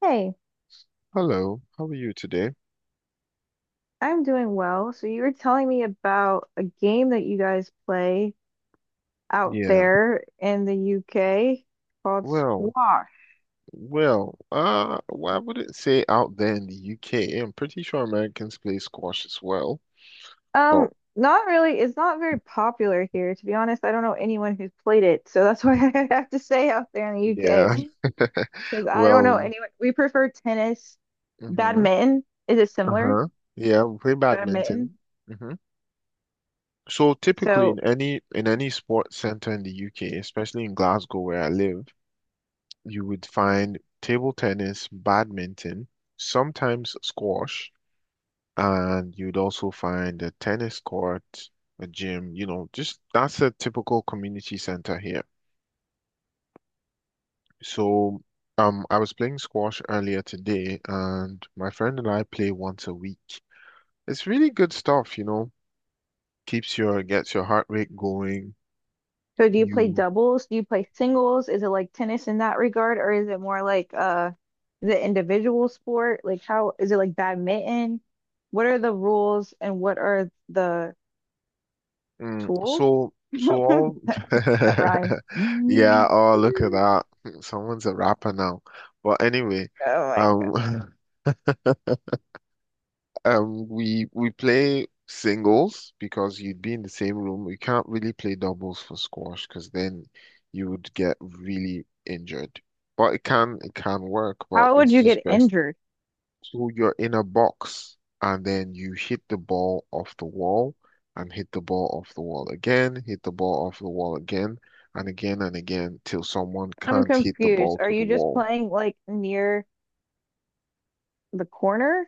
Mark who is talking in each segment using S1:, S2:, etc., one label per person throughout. S1: Hey,
S2: Hello, how are you today?
S1: I'm doing well. So you were telling me about a game that you guys play out
S2: Yeah,
S1: there in the UK called
S2: well,
S1: squash.
S2: well, I wouldn't say out there in the UK. I'm pretty sure Americans play squash as well, but
S1: Um, Not really, it's not very popular here, to be honest. I don't know anyone who's played it. So that's why I have to say out there in the
S2: yeah,
S1: UK because I don't
S2: well,
S1: know anyone. We prefer tennis,
S2: mm-hmm,
S1: badminton. Is it similar?
S2: uh-huh, yeah, we play
S1: Badminton.
S2: badminton. Hmm. So typically in
S1: So
S2: any in any sports center in the UK, especially in Glasgow where I live, you would find table tennis, badminton, sometimes squash. And you'd also find a tennis court, a gym, you know, just that's a typical community center here. So, I was playing squash earlier today, and my friend and I play once a week. It's really good stuff, you know, keeps your gets your heart rate going.
S1: So do you play
S2: You
S1: doubles? Do you play singles? Is it like tennis in that regard, or is it more like the individual sport? Like how is it like badminton? What are the rules and what are the
S2: mm,
S1: tools?
S2: so so all
S1: That rhyme.
S2: yeah,
S1: Mm.
S2: oh look at that. Someone's a rapper now. But anyway,
S1: Oh my God.
S2: um we play singles because you'd be in the same room. We can't really play doubles for squash because then you would get really injured. But it can work, but
S1: How would
S2: it's
S1: you
S2: just
S1: get
S2: best.
S1: injured?
S2: So you're in a box and then you hit the ball off the wall and hit the ball off the wall again, hit the ball off the wall again and again and again till someone
S1: I'm
S2: can't hit the
S1: confused.
S2: ball
S1: Are
S2: to the
S1: you just
S2: wall.
S1: playing like near the corner?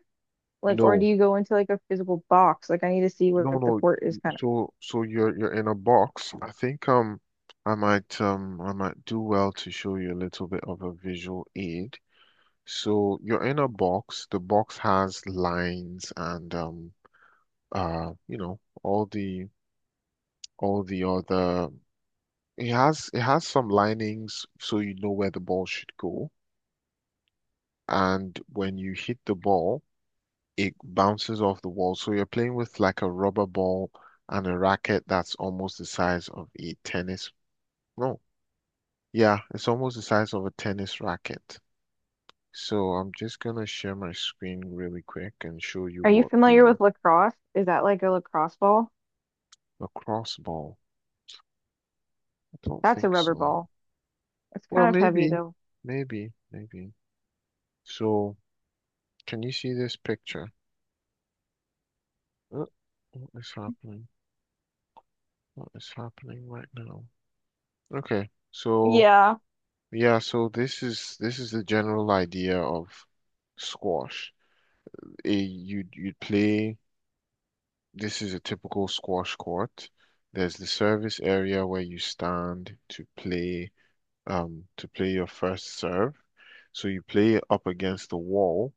S1: Like, or do
S2: No,
S1: you go into like a physical box? Like, I need to see
S2: no,
S1: what the
S2: no.
S1: court is kind of.
S2: So you're in a box. I think um, I might do well to show you a little bit of a visual aid. So you're in a box. The box has lines and, you know, all the other. It has some linings so you know where the ball should go. And when you hit the ball, it bounces off the wall. So you're playing with like a rubber ball and a racket that's almost the size of a tennis. No, yeah, it's almost the size of a tennis racket. So I'm just gonna share my screen really quick and show you
S1: Are you
S2: what
S1: familiar
S2: the
S1: with lacrosse? Is that like a lacrosse ball?
S2: lacrosse ball. I don't
S1: That's a
S2: think
S1: rubber
S2: so.
S1: ball. It's
S2: Well,
S1: kind of heavy
S2: maybe,
S1: though.
S2: maybe, maybe. So can you see this picture? Uh, What is happening? What is happening right now? Okay, so.
S1: Yeah,
S2: Yeah, so this is the general idea of squash. You'd play. This is a typical squash court. There's the service area where you stand to play your first serve. So you play up against the wall,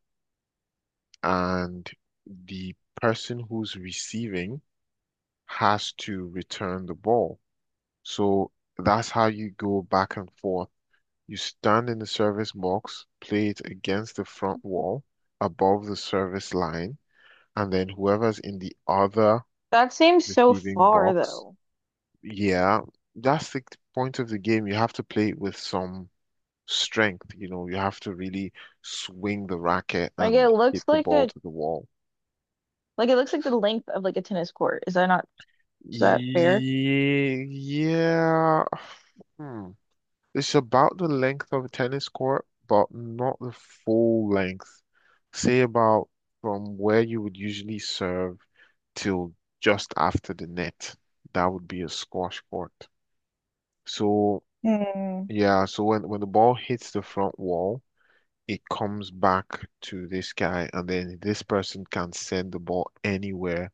S2: and the person who's receiving has to return the ball. So that's how you go back and forth. You stand in the service box, play it against the front wall above the service line, and then whoever's in the other
S1: that seems so
S2: receiving
S1: far
S2: box,
S1: though.
S2: yeah, that's the point of the game. You have to play it with some strength, you know, you have to really swing the racket
S1: Like it
S2: and hit
S1: looks
S2: the
S1: like
S2: ball
S1: a
S2: to the wall.
S1: like it looks like the length of like a tennis court. Is that not is that fair?
S2: Ye- Yeah. Hmm. It's about the length of a tennis court, but not the full length. Say about from where you would usually serve till just after the net. That would be a squash court. So
S1: Hmm.
S2: yeah, so when the ball hits the front wall, it comes back to this guy, and then this person can send the ball anywhere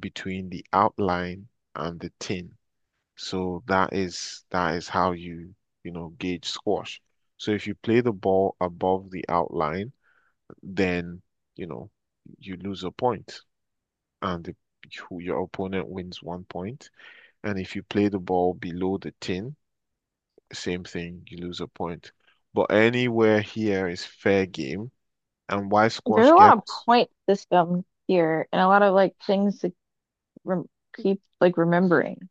S2: between the outline and the tin. So that is how you, you know, gauge squash. So if you play the ball above the outline, then, you know, you lose a point and your opponent wins one point. And if you play the ball below the tin, same thing, you lose a point. But anywhere here is fair game. And why
S1: There's
S2: squash
S1: a lot of
S2: gets
S1: point system here and a lot of like things to rem keep like remembering.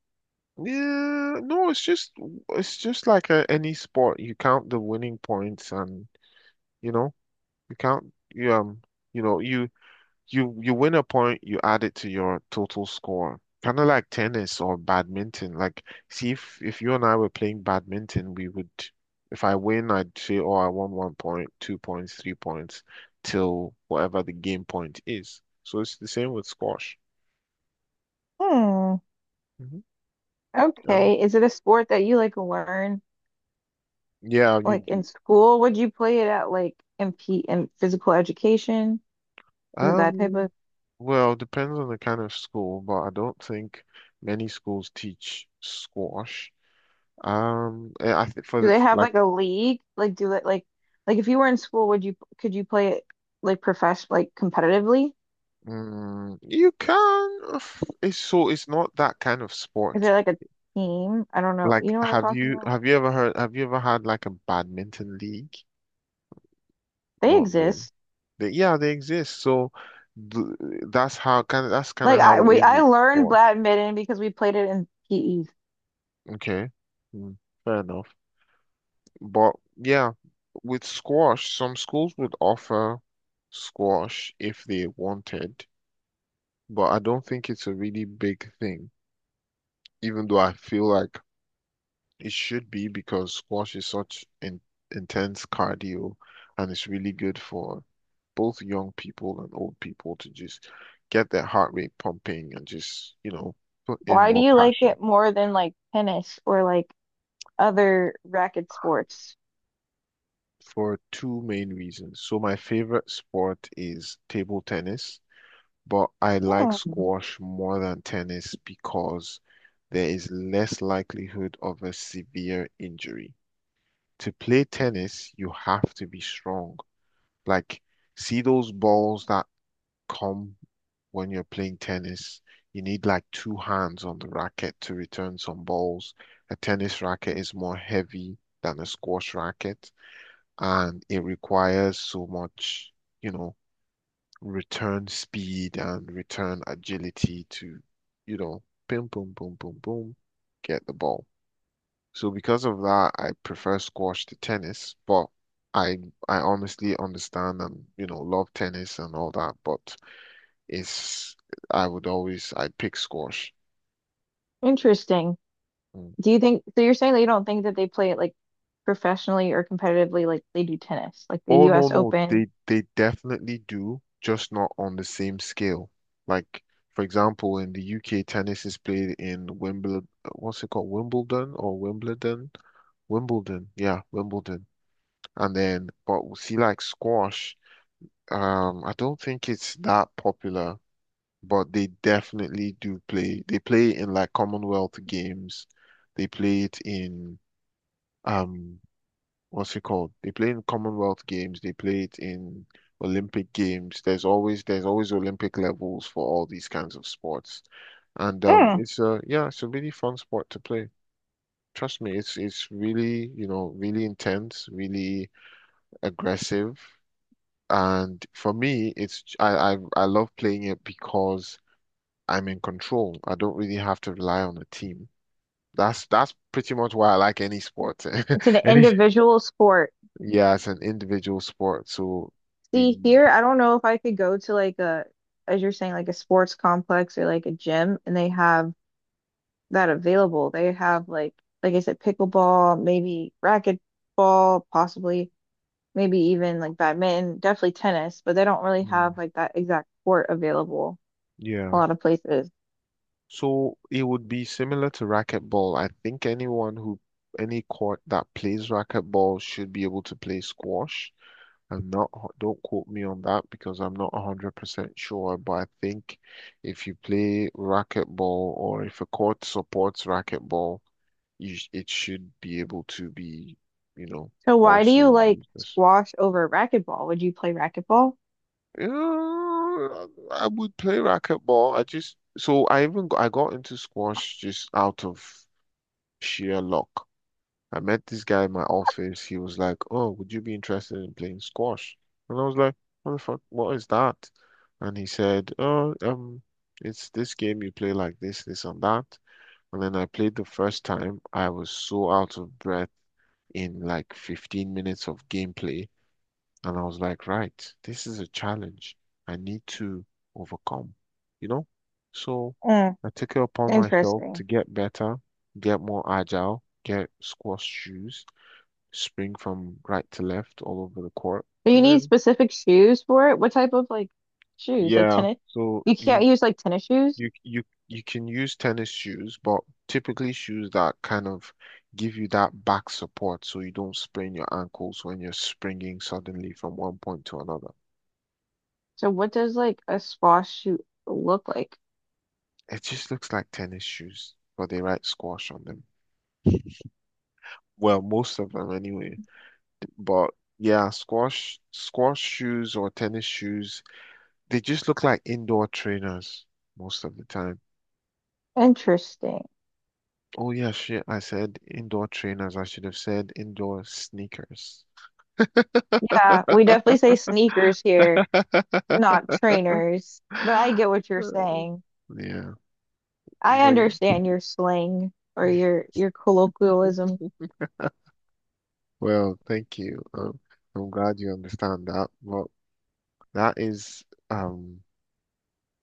S2: yeah, no, it's just like a, any sport. You count the winning points and you know you count, you know you you you win a point, you add it to your total score. Kind of like tennis or badminton. Like see if you and I were playing badminton, we would if I win, I'd say, oh, I won one point, two points, three points, till whatever the game point is. So it's the same with squash.
S1: Hmm.
S2: Hmm. Um,
S1: Okay. Is it a sport that you like learn
S2: yeah, you
S1: like in school? Would you play it at like in P in physical education? Is it that type
S2: um
S1: of?
S2: well, depends on the kind of school, but I don't think many schools teach squash. I think for
S1: Do
S2: the
S1: they have
S2: like,
S1: like a league? Like do that like if you were in school, would you could you play it like profession like competitively?
S2: mm, you can. It's so it's not that kind of
S1: Is
S2: sport.
S1: there like a team? I don't know. You
S2: Like,
S1: know what I'm
S2: have
S1: talking
S2: you
S1: about?
S2: have you ever heard? Have you ever had like a badminton league?
S1: They
S2: Not really.
S1: exist.
S2: They, yeah, they exist. So th that's how kind of that's kind of
S1: Like I
S2: how it
S1: we
S2: is
S1: I
S2: with
S1: learned
S2: sport.
S1: badminton because we played it in PE.
S2: Okay, mm, fair enough. But yeah, with squash, some schools would offer squash if they wanted, but I don't think it's a really big thing even though I feel like it should be because squash is such intense cardio and it's really good for both young people and old people to just get their heart rate pumping and just, you know, put in
S1: Why do
S2: more
S1: you like
S2: passion
S1: it more than like tennis or like other racket sports?
S2: for two main reasons. So my favorite sport is table tennis, but I like
S1: Hmm.
S2: squash more than tennis because there is less likelihood of a severe injury. To play tennis, you have to be strong. Like, see those balls that come when you're playing tennis? You need like two hands on the racket to return some balls. A tennis racket is more heavy than a squash racket, and it requires so much, you know, return speed and return agility to, you know, boom, boom, boom, boom, boom, get the ball. So because of that, I prefer squash to tennis, but I I honestly understand and you know love tennis and all that, but it's I would always I pick squash.
S1: Interesting.
S2: Mm.
S1: Do you think so you're saying that you don't think that they play it like professionally or competitively like they do tennis, like the
S2: Oh no
S1: US
S2: no,
S1: Open?
S2: they definitely do, just not on the same scale. Like for example, in the UK, tennis is played in Wimbledon. What's it called? Wimbledon or Wimbledon? Wimbledon, yeah, Wimbledon. And then, but see, like squash. I don't think it's that popular but they definitely do play. They play in like Commonwealth games. They play it in um what's it called? They play in Commonwealth games. They play it in Olympic games. There's always Olympic levels for all these kinds of sports. And
S1: Hmm.
S2: it's a yeah, it's a really fun sport to play. Trust me, it's really, you know, really intense, really aggressive. And for me, it's I love playing it because I'm in control. I don't really have to rely on a team. That's pretty much why I like any sport.
S1: It's an
S2: Any
S1: individual sport.
S2: yeah, it's an individual sport. So y-
S1: See, here, I don't know if I could go to like a, as you're saying, like a sports complex or like a gym, and they have that available. They have like I said, pickleball, maybe racquetball, possibly, maybe even like badminton, definitely tennis, but they don't really
S2: mm,
S1: have like that exact court available a
S2: yeah.
S1: lot of places.
S2: So it would be similar to racquetball. I think anyone who any court that plays racquetball should be able to play squash. I'm not, don't quote me on that because I'm not 100% sure, but I think if you play racquetball or if a court supports racquetball, you, it should be able to be, you know,
S1: So why do you
S2: also
S1: like
S2: used as.
S1: squash over racquetball? Would you play racquetball?
S2: Yeah, I would play racquetball. I just so I even I got into squash just out of sheer luck. I met this guy in my office. He was like, "Oh, would you be interested in playing squash?" And I was like, "What the fuck? What is that?" And he said, "Oh, it's this game you play like this and that." And then I played the first time. I was so out of breath in like 15 minutes of gameplay. And I was like, right, this is a challenge I need to overcome, you know? So
S1: Mm,
S2: I took it upon myself
S1: interesting.
S2: to get better, get more agile, get squash shoes, spring from right to left all over the court.
S1: Do you
S2: And
S1: need
S2: then,
S1: specific shoes for it? What type of like shoes? Like
S2: yeah,
S1: tennis?
S2: so
S1: You can't
S2: you
S1: use like tennis shoes.
S2: you can use tennis shoes, but typically shoes that kind of give you that back support so you don't sprain your ankles when you're springing suddenly from one point to another.
S1: So what does like a squash shoe look like?
S2: It just looks like tennis shoes, but they write squash on them. Well, most of them anyway. But yeah, squash shoes or tennis shoes, they just look like indoor trainers most of the time.
S1: Interesting.
S2: Oh yeah, shit, I said indoor trainers. I should have said indoor sneakers.
S1: Yeah, we definitely say sneakers here, not trainers. But I
S2: Uh,
S1: get what you're saying.
S2: Yeah,
S1: I
S2: but
S1: understand your slang or your colloquialism.
S2: well, thank you. I'm glad you understand that. Well, that is um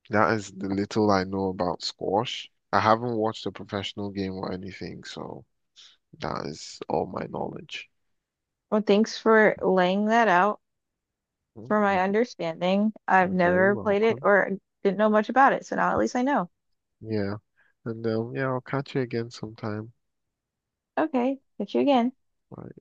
S2: that is the little I know about squash. I haven't watched a professional game or anything, so that is all my knowledge.
S1: Well, thanks for laying that out
S2: Mm,
S1: for my understanding. I've
S2: You're very
S1: never played it
S2: welcome.
S1: or didn't know much about it, so now at least I know.
S2: Yeah, and yeah, I'll catch you again sometime.
S1: Okay, catch you again.
S2: Bye.